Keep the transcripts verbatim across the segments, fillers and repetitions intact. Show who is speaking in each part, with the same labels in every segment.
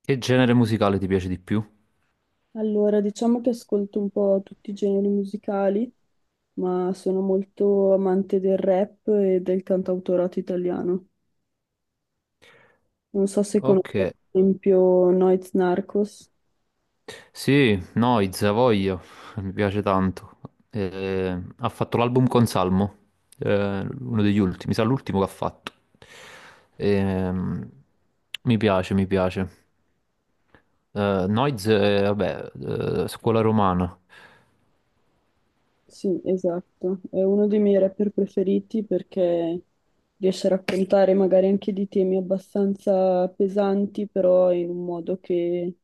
Speaker 1: Che genere musicale ti piace di più?
Speaker 2: Allora, diciamo che ascolto un po' tutti i generi musicali, ma sono molto amante del rap e del cantautorato italiano. Non so se
Speaker 1: Ok,
Speaker 2: conosci, ad esempio, Noyz Narcos.
Speaker 1: sì, Noiz, a voglia, mi piace tanto. Eh, ha fatto l'album con Salmo, eh, uno degli ultimi, mi sa l'ultimo che ha fatto. Ehm, Mi piace, mi piace. Eh, Noiz, eh, vabbè, eh, scuola romana.
Speaker 2: Sì, esatto. È uno dei miei rapper preferiti perché riesce a raccontare magari anche di temi abbastanza pesanti, però in un modo che è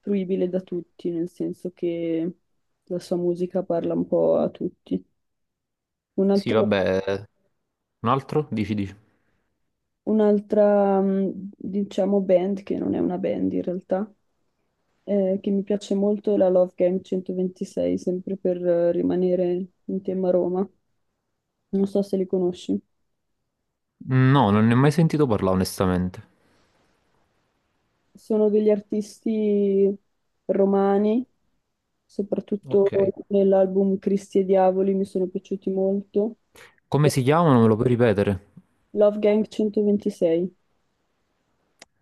Speaker 2: fruibile da tutti, nel senso che la sua musica parla un po' a tutti. Un
Speaker 1: Sì,
Speaker 2: altro
Speaker 1: vabbè, eh, un altro? Dici, dici.
Speaker 2: un'altra, mh, diciamo, band che non è una band in realtà, eh, che mi piace molto è la Love Gang centoventisei, sempre per eh, rimanere in tema Roma. Non so se li conosci.
Speaker 1: No, non ne ho mai sentito parlare onestamente.
Speaker 2: Sono degli artisti romani, soprattutto
Speaker 1: Ok.
Speaker 2: nell'album Cristi e Diavoli mi sono piaciuti molto.
Speaker 1: Come si chiamano? Me lo puoi ripetere?
Speaker 2: Love Gang centoventisei.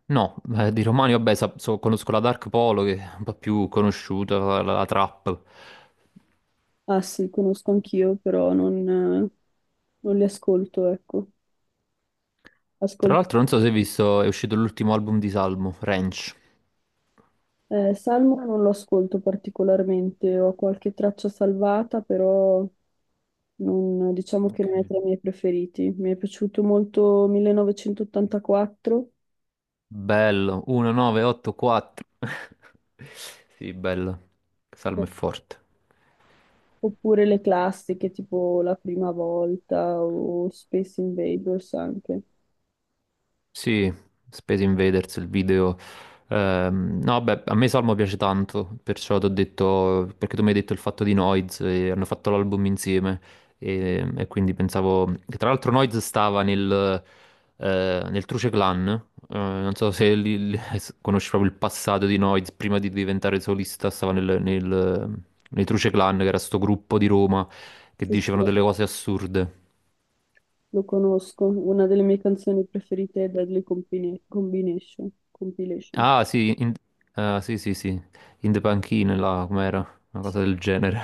Speaker 1: No, eh, di romani, vabbè, sa- so- conosco la Dark Polo che è un po' più conosciuta, la, la- la Trap.
Speaker 2: Ah sì, conosco anch'io, però non, eh, non li ascolto, ecco.
Speaker 1: Tra
Speaker 2: Ascolto
Speaker 1: l'altro, non so se hai visto, è uscito l'ultimo album di Salmo, Ranch.
Speaker 2: Eh, Salmo non lo ascolto particolarmente, ho qualche traccia salvata, però non- diciamo che
Speaker 1: Ok.
Speaker 2: non è tra i miei preferiti. Mi è piaciuto molto millenovecentottantaquattro,
Speaker 1: Bello, millenovecentottantaquattro. Sì, bello. Salmo è forte.
Speaker 2: oppure le classiche, tipo La prima volta o Space Invaders anche.
Speaker 1: Sì, Space Invaders, il video. Ehm, no, beh, a me Salmo piace tanto, perciò ti ho detto, perché tu mi hai detto il fatto di Noiz, e hanno fatto l'album insieme, e, e quindi pensavo, che tra l'altro Noiz stava nel, eh, nel Truce Clan, eh, non so se li- li- conosci proprio il passato di Noiz, prima di diventare solista stava nel, nel, nei Truce Clan, che era sto gruppo di Roma, che
Speaker 2: Sì, sì,
Speaker 1: dicevano delle cose assurde.
Speaker 2: lo conosco, una delle mie canzoni preferite è Deadly Compine- Combination. Compilation.
Speaker 1: Ah, sì, in- ah, sì, sì, sì, in the panchine là, com'era? Una cosa del genere.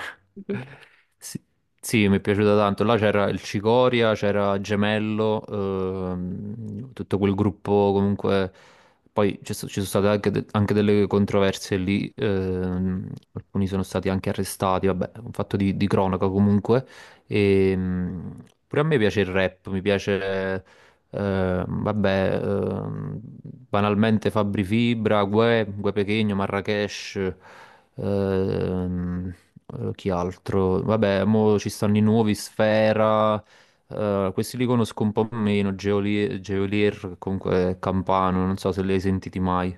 Speaker 1: Sì, sì, mi è piaciuta tanto. Là c'era il Cicoria, c'era Gemello, ehm, tutto quel gruppo comunque. Poi ci so- ci sono state anche, de- anche delle controversie lì, ehm, alcuni sono stati anche arrestati, vabbè, un fatto di, di cronaca comunque. E, mm, pure a me piace il rap, mi piace eh, vabbè, ehm, banalmente Fabri Fibra, Guè, Guè Pequeno, Marracash, ehm, eh, chi altro? Vabbè, mo ci stanno i nuovi, Sfera, eh, questi li conosco un po' meno, Geolier, Geolier, che comunque è Campano, non so se li hai sentiti mai.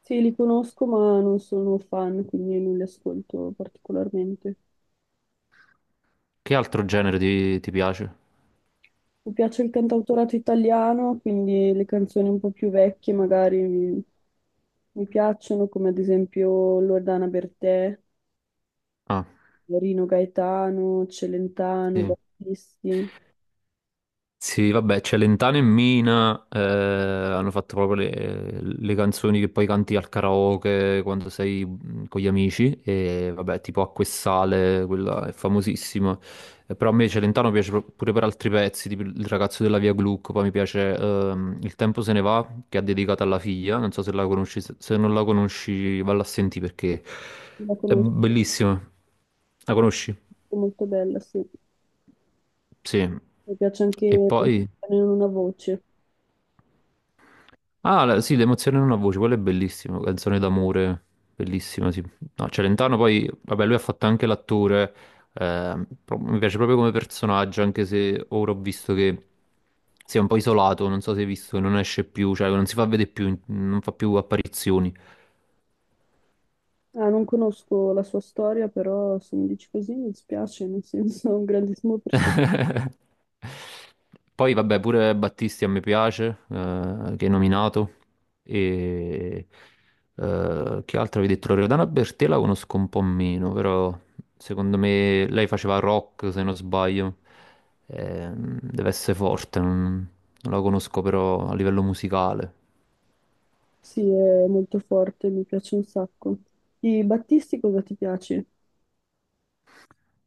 Speaker 2: Sì, li conosco, ma non sono fan, quindi non li ascolto particolarmente.
Speaker 1: Che altro genere ti, ti piace?
Speaker 2: Mi piace il cantautorato italiano, quindi le canzoni un po' più vecchie magari mi, mi piacciono, come ad esempio Loredana Bertè,
Speaker 1: Ah,
Speaker 2: Rino Gaetano, Celentano,
Speaker 1: sì.
Speaker 2: Battisti.
Speaker 1: Sì, vabbè, c'è Lentano e Mina, eh, hanno fatto proprio le, le canzoni che poi canti al karaoke quando sei mm, con gli amici, e vabbè, tipo Acqua e Sale, quella è famosissima. Eh, però a me Celentano piace pro- pure per altri pezzi, tipo Il ragazzo della via Gluck, poi mi piace ehm, Il tempo se ne va, che ha dedicato alla figlia, non so se la conosci, se se non la conosci valla a sentire perché
Speaker 2: La
Speaker 1: è
Speaker 2: conosco,
Speaker 1: bellissima. La conosci?
Speaker 2: è molto bella, sì.
Speaker 1: Sì.
Speaker 2: Mi piace anche
Speaker 1: E poi.
Speaker 2: Non una voce.
Speaker 1: Ah, la- sì, l'emozione in una voce, quella è bellissima, canzone d'amore, bellissima, sì. No, Celentano poi, vabbè, lui ha fatto anche l'attore, eh, pro- mi piace proprio come personaggio, anche se ora ho visto che si è un po' isolato, non so se hai visto che non esce più, cioè non si fa vedere più, non fa più apparizioni.
Speaker 2: Ah, non conosco la sua storia, però se mi dici così mi dispiace, nel senso è un grandissimo personaggio.
Speaker 1: Poi vabbè, pure Battisti a me piace, eh, che hai nominato. E eh, che altro avevi detto? Loredana Bertè la conosco un po' meno, però secondo me lei faceva rock, se non sbaglio. Ehm, deve essere forte, non, non la conosco però a livello musicale.
Speaker 2: Sì, è molto forte, mi piace un sacco. Di Battisti cosa ti piace?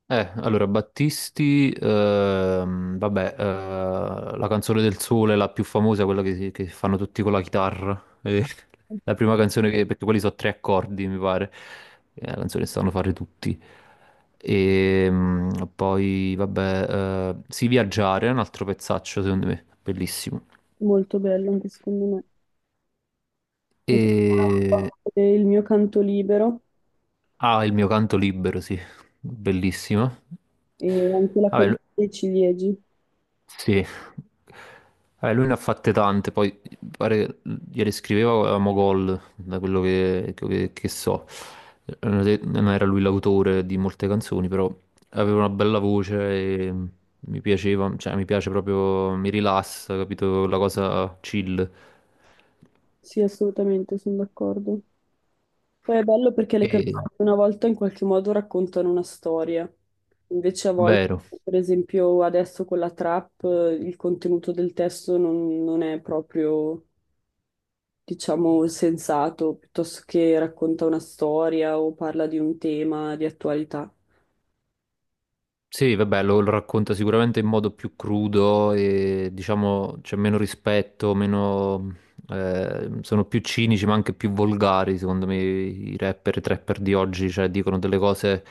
Speaker 1: Eh, allora, Battisti, ehm, vabbè, eh, la canzone del sole, la più famosa, quella che, si- che fanno tutti con la chitarra. eh, la prima canzone che, perché quelli sono tre accordi, mi pare. È la canzone che sanno fare tutti. E mm, Poi, vabbè, eh, Si Viaggiare è un altro pezzaccio, secondo me, bellissimo.
Speaker 2: Molto bello anche secondo me. Mi piace
Speaker 1: E.
Speaker 2: eh, il mio canto libero
Speaker 1: Ah, il mio canto libero, sì, bellissimo.
Speaker 2: e anche la collina dei ciliegi.
Speaker 1: Sì, Eh, lui ne ha fatte tante, poi mi pare che ieri scriveva avevamo gol, da quello che, che- che so. Eh, Non era lui l'autore di molte canzoni, però aveva una bella voce e mi piaceva, cioè mi piace proprio, mi rilassa, capito? La cosa chill.
Speaker 2: Sì, assolutamente, sono d'accordo. Poi è bello perché le canzoni
Speaker 1: E,
Speaker 2: una volta in qualche modo raccontano una storia, invece a volte,
Speaker 1: vero.
Speaker 2: per esempio adesso con la trap, eh, il contenuto del testo non, non è proprio, diciamo, sensato, piuttosto che racconta una storia o parla di un tema di attualità.
Speaker 1: Sì, vabbè, lo, lo racconta sicuramente in modo più crudo e diciamo c'è meno rispetto, meno, eh, sono più cinici ma anche più volgari, secondo me i rapper e i trapper di oggi, cioè dicono delle cose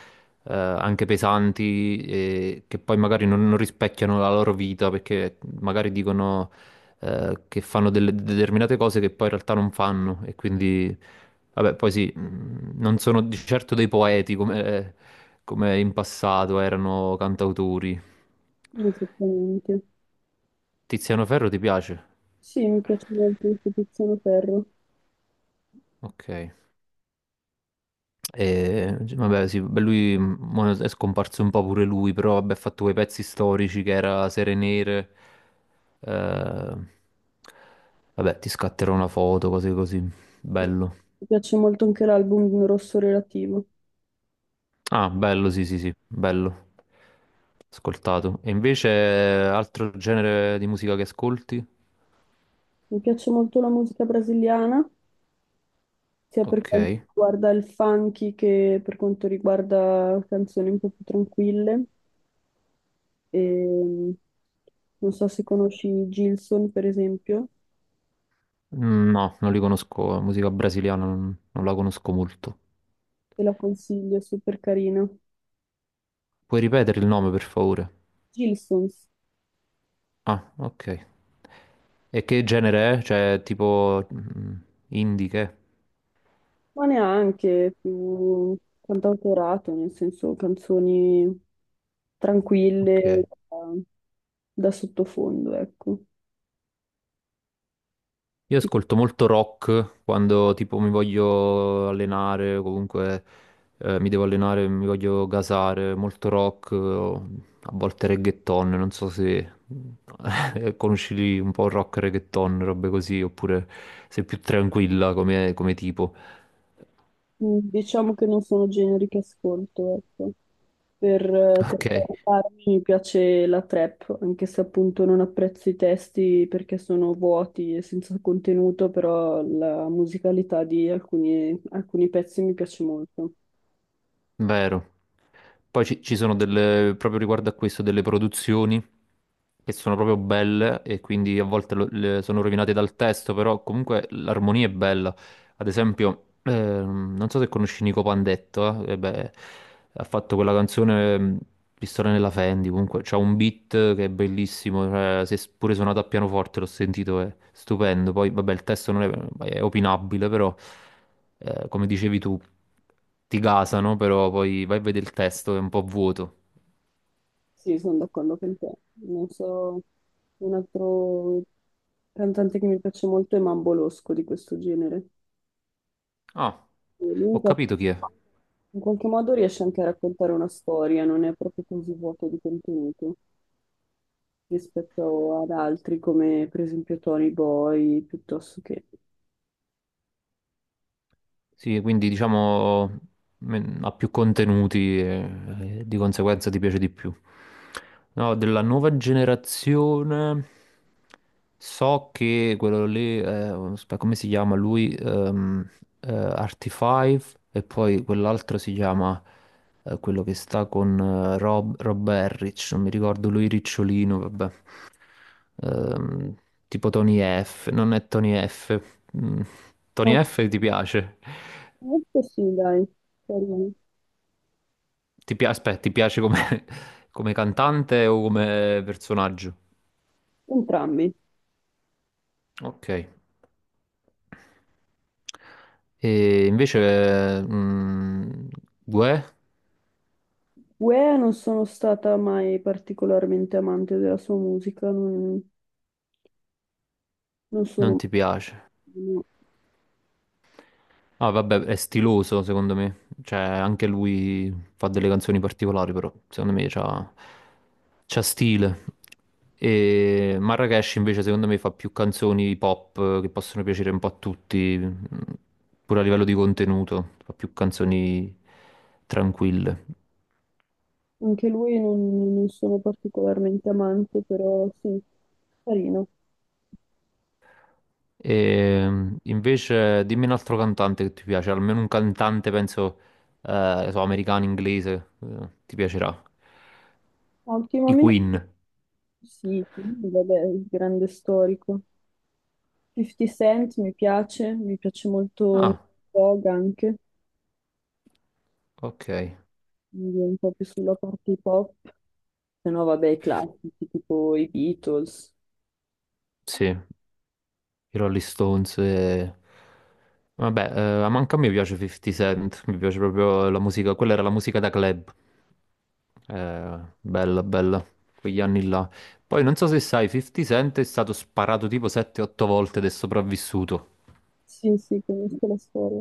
Speaker 1: eh, anche pesanti e che poi magari non, non rispecchiano la loro vita perché magari dicono eh, che fanno delle determinate cose che poi in realtà non fanno e quindi, vabbè, poi sì, mh, non sono di certo dei poeti come, come, in passato erano cantautori.
Speaker 2: Esattamente.
Speaker 1: Tiziano Ferro ti piace?
Speaker 2: Sì, mi piace molto anche Tiziano Ferro.
Speaker 1: Ok. E, vabbè, sì, beh, lui mm, mo è scomparso un po' pure lui, però vabbè, ha fatto quei pezzi storici che era Sere Nere. eh, Vabbè, ti scatterò una foto, cose così. Bello.
Speaker 2: Mi piace molto anche l'album Rosso Relativo.
Speaker 1: Ah, bello, sì, sì, sì, bello. Ascoltato. E invece altro genere di musica che ascolti?
Speaker 2: Mi piace molto la musica brasiliana, sia per quanto
Speaker 1: Ok.
Speaker 2: riguarda il funky che per quanto riguarda canzoni un po' più tranquille. E, non so se conosci Gilson, per esempio,
Speaker 1: Mm, No, non li conosco. eh, Musica brasiliana non, non la conosco molto.
Speaker 2: te la consiglio, è super carina.
Speaker 1: Puoi ripetere il nome, per favore?
Speaker 2: Gilson,
Speaker 1: Ah, ok. E che genere è? Cioè, tipo mm, indie che? È?
Speaker 2: ma neanche più cantautorato, nel senso canzoni tranquille
Speaker 1: Ok.
Speaker 2: da, da sottofondo, ecco.
Speaker 1: Io
Speaker 2: Ti-
Speaker 1: ascolto molto rock quando tipo mi voglio allenare, o comunque eh, mi devo allenare, mi voglio gasare, molto rock, eh, a volte reggaeton, non so se conosci un po' rock, reggaeton, robe così, oppure sei più tranquilla come, come tipo.
Speaker 2: Diciamo che non sono generi che ascolto, ecco. Per, per
Speaker 1: Ok,
Speaker 2: parlarmi mi piace la trap, anche se appunto non apprezzo i testi perché sono vuoti e senza contenuto, però la musicalità di alcuni alcuni pezzi mi piace molto.
Speaker 1: vero. Poi ci, ci sono delle, proprio riguardo a questo, delle produzioni che sono proprio belle e quindi a volte lo- le- sono rovinate dal testo, però comunque l'armonia è bella. Ad esempio, ehm, non so se conosci Nico Pandetto, eh? Eh beh, ha fatto quella canzone ehm, Pistola nella Fendi, comunque c'ha un beat che è bellissimo, cioè, se s- pure suonato a pianoforte l'ho sentito, è stupendo. Poi, vabbè, il testo non è, è opinabile, però, eh, come dicevi tu, ti gasano, però poi vai a vedere il testo, è un po' vuoto.
Speaker 2: Sì, sono d'accordo con te. Non so, un altro cantante che mi piace molto è Mambo Losco di questo genere.
Speaker 1: Ah,
Speaker 2: E lui in
Speaker 1: ho
Speaker 2: qual-
Speaker 1: capito chi è.
Speaker 2: in qualche modo riesce anche a raccontare una storia, non è proprio così vuoto di contenuto rispetto ad altri come per esempio Tony Boy, piuttosto che...
Speaker 1: Sì, quindi diciamo men- ha più contenuti e, e di conseguenza ti piace di più. No, della nuova generazione so che quello lì, eh, aspetta, come si chiama lui? Ehm eh, Artifive e poi quell'altro si chiama eh, quello che sta con eh, Rob, Rob Harris, non mi ricordo lui Ricciolino, vabbè. Ehm, tipo Tony F, non è Tony F, Mm, Tony F ti piace?
Speaker 2: Onestamente sì, dai, carino.
Speaker 1: Ti pia- aspetta, ti piace come, come cantante o come personaggio?
Speaker 2: Entrambi.
Speaker 1: Ok. E invece, mm, Guè
Speaker 2: Uè, non sono stata mai particolarmente amante della sua musica, non, non
Speaker 1: non
Speaker 2: sono...
Speaker 1: ti piace.
Speaker 2: no.
Speaker 1: Ah, vabbè, è stiloso secondo me. Cioè, anche lui fa delle canzoni particolari, però secondo me c'ha, c'ha stile. E Marracash invece secondo me fa più canzoni pop eh, che possono piacere un po' a tutti, mm, pure a livello di contenuto, fa più canzoni tranquille.
Speaker 2: Anche lui non, non sono particolarmente amante, però sì, carino.
Speaker 1: E mm, invece dimmi un altro cantante che ti piace, almeno un cantante penso, eh, so, americano, inglese, eh, ti piacerà.
Speaker 2: Ma
Speaker 1: I
Speaker 2: ultimamente
Speaker 1: Queen.
Speaker 2: sì, quindi vabbè, il grande storico. fifty Cent mi piace, mi piace molto Nate
Speaker 1: Ah,
Speaker 2: Dogg anche,
Speaker 1: ok.
Speaker 2: quindi un po' più sulla parte hip hop, se no vabbè i classici tipo i Beatles.
Speaker 1: Sì, i Rolling Stones. e- Vabbè, eh, ma manca a me piace cinquanta Cent, mi piace proprio la musica, quella era la musica da club. Eh, bella, bella, quegli anni là. Poi non so se sai, cinquanta Cent è stato sparato tipo sette otto volte ed è sopravvissuto.
Speaker 2: Sì, sì, conosco la storia.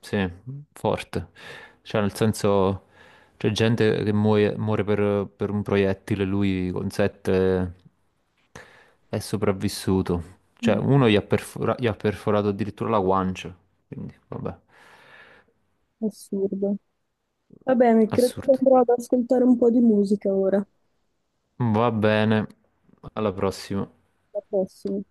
Speaker 1: Sì, forte. Cioè, nel senso, c'è gente che muoie- muore, per, per un proiettile, lui con sette è sopravvissuto. Cioè,
Speaker 2: Mm.
Speaker 1: uno gli ha, perfora- gli ha perforato addirittura la guancia. Quindi, vabbè,
Speaker 2: Assurdo. Va bene, credo che
Speaker 1: assurdo.
Speaker 2: andrò ad ascoltare un po' di musica ora,
Speaker 1: Va bene, alla prossima.
Speaker 2: la prossima.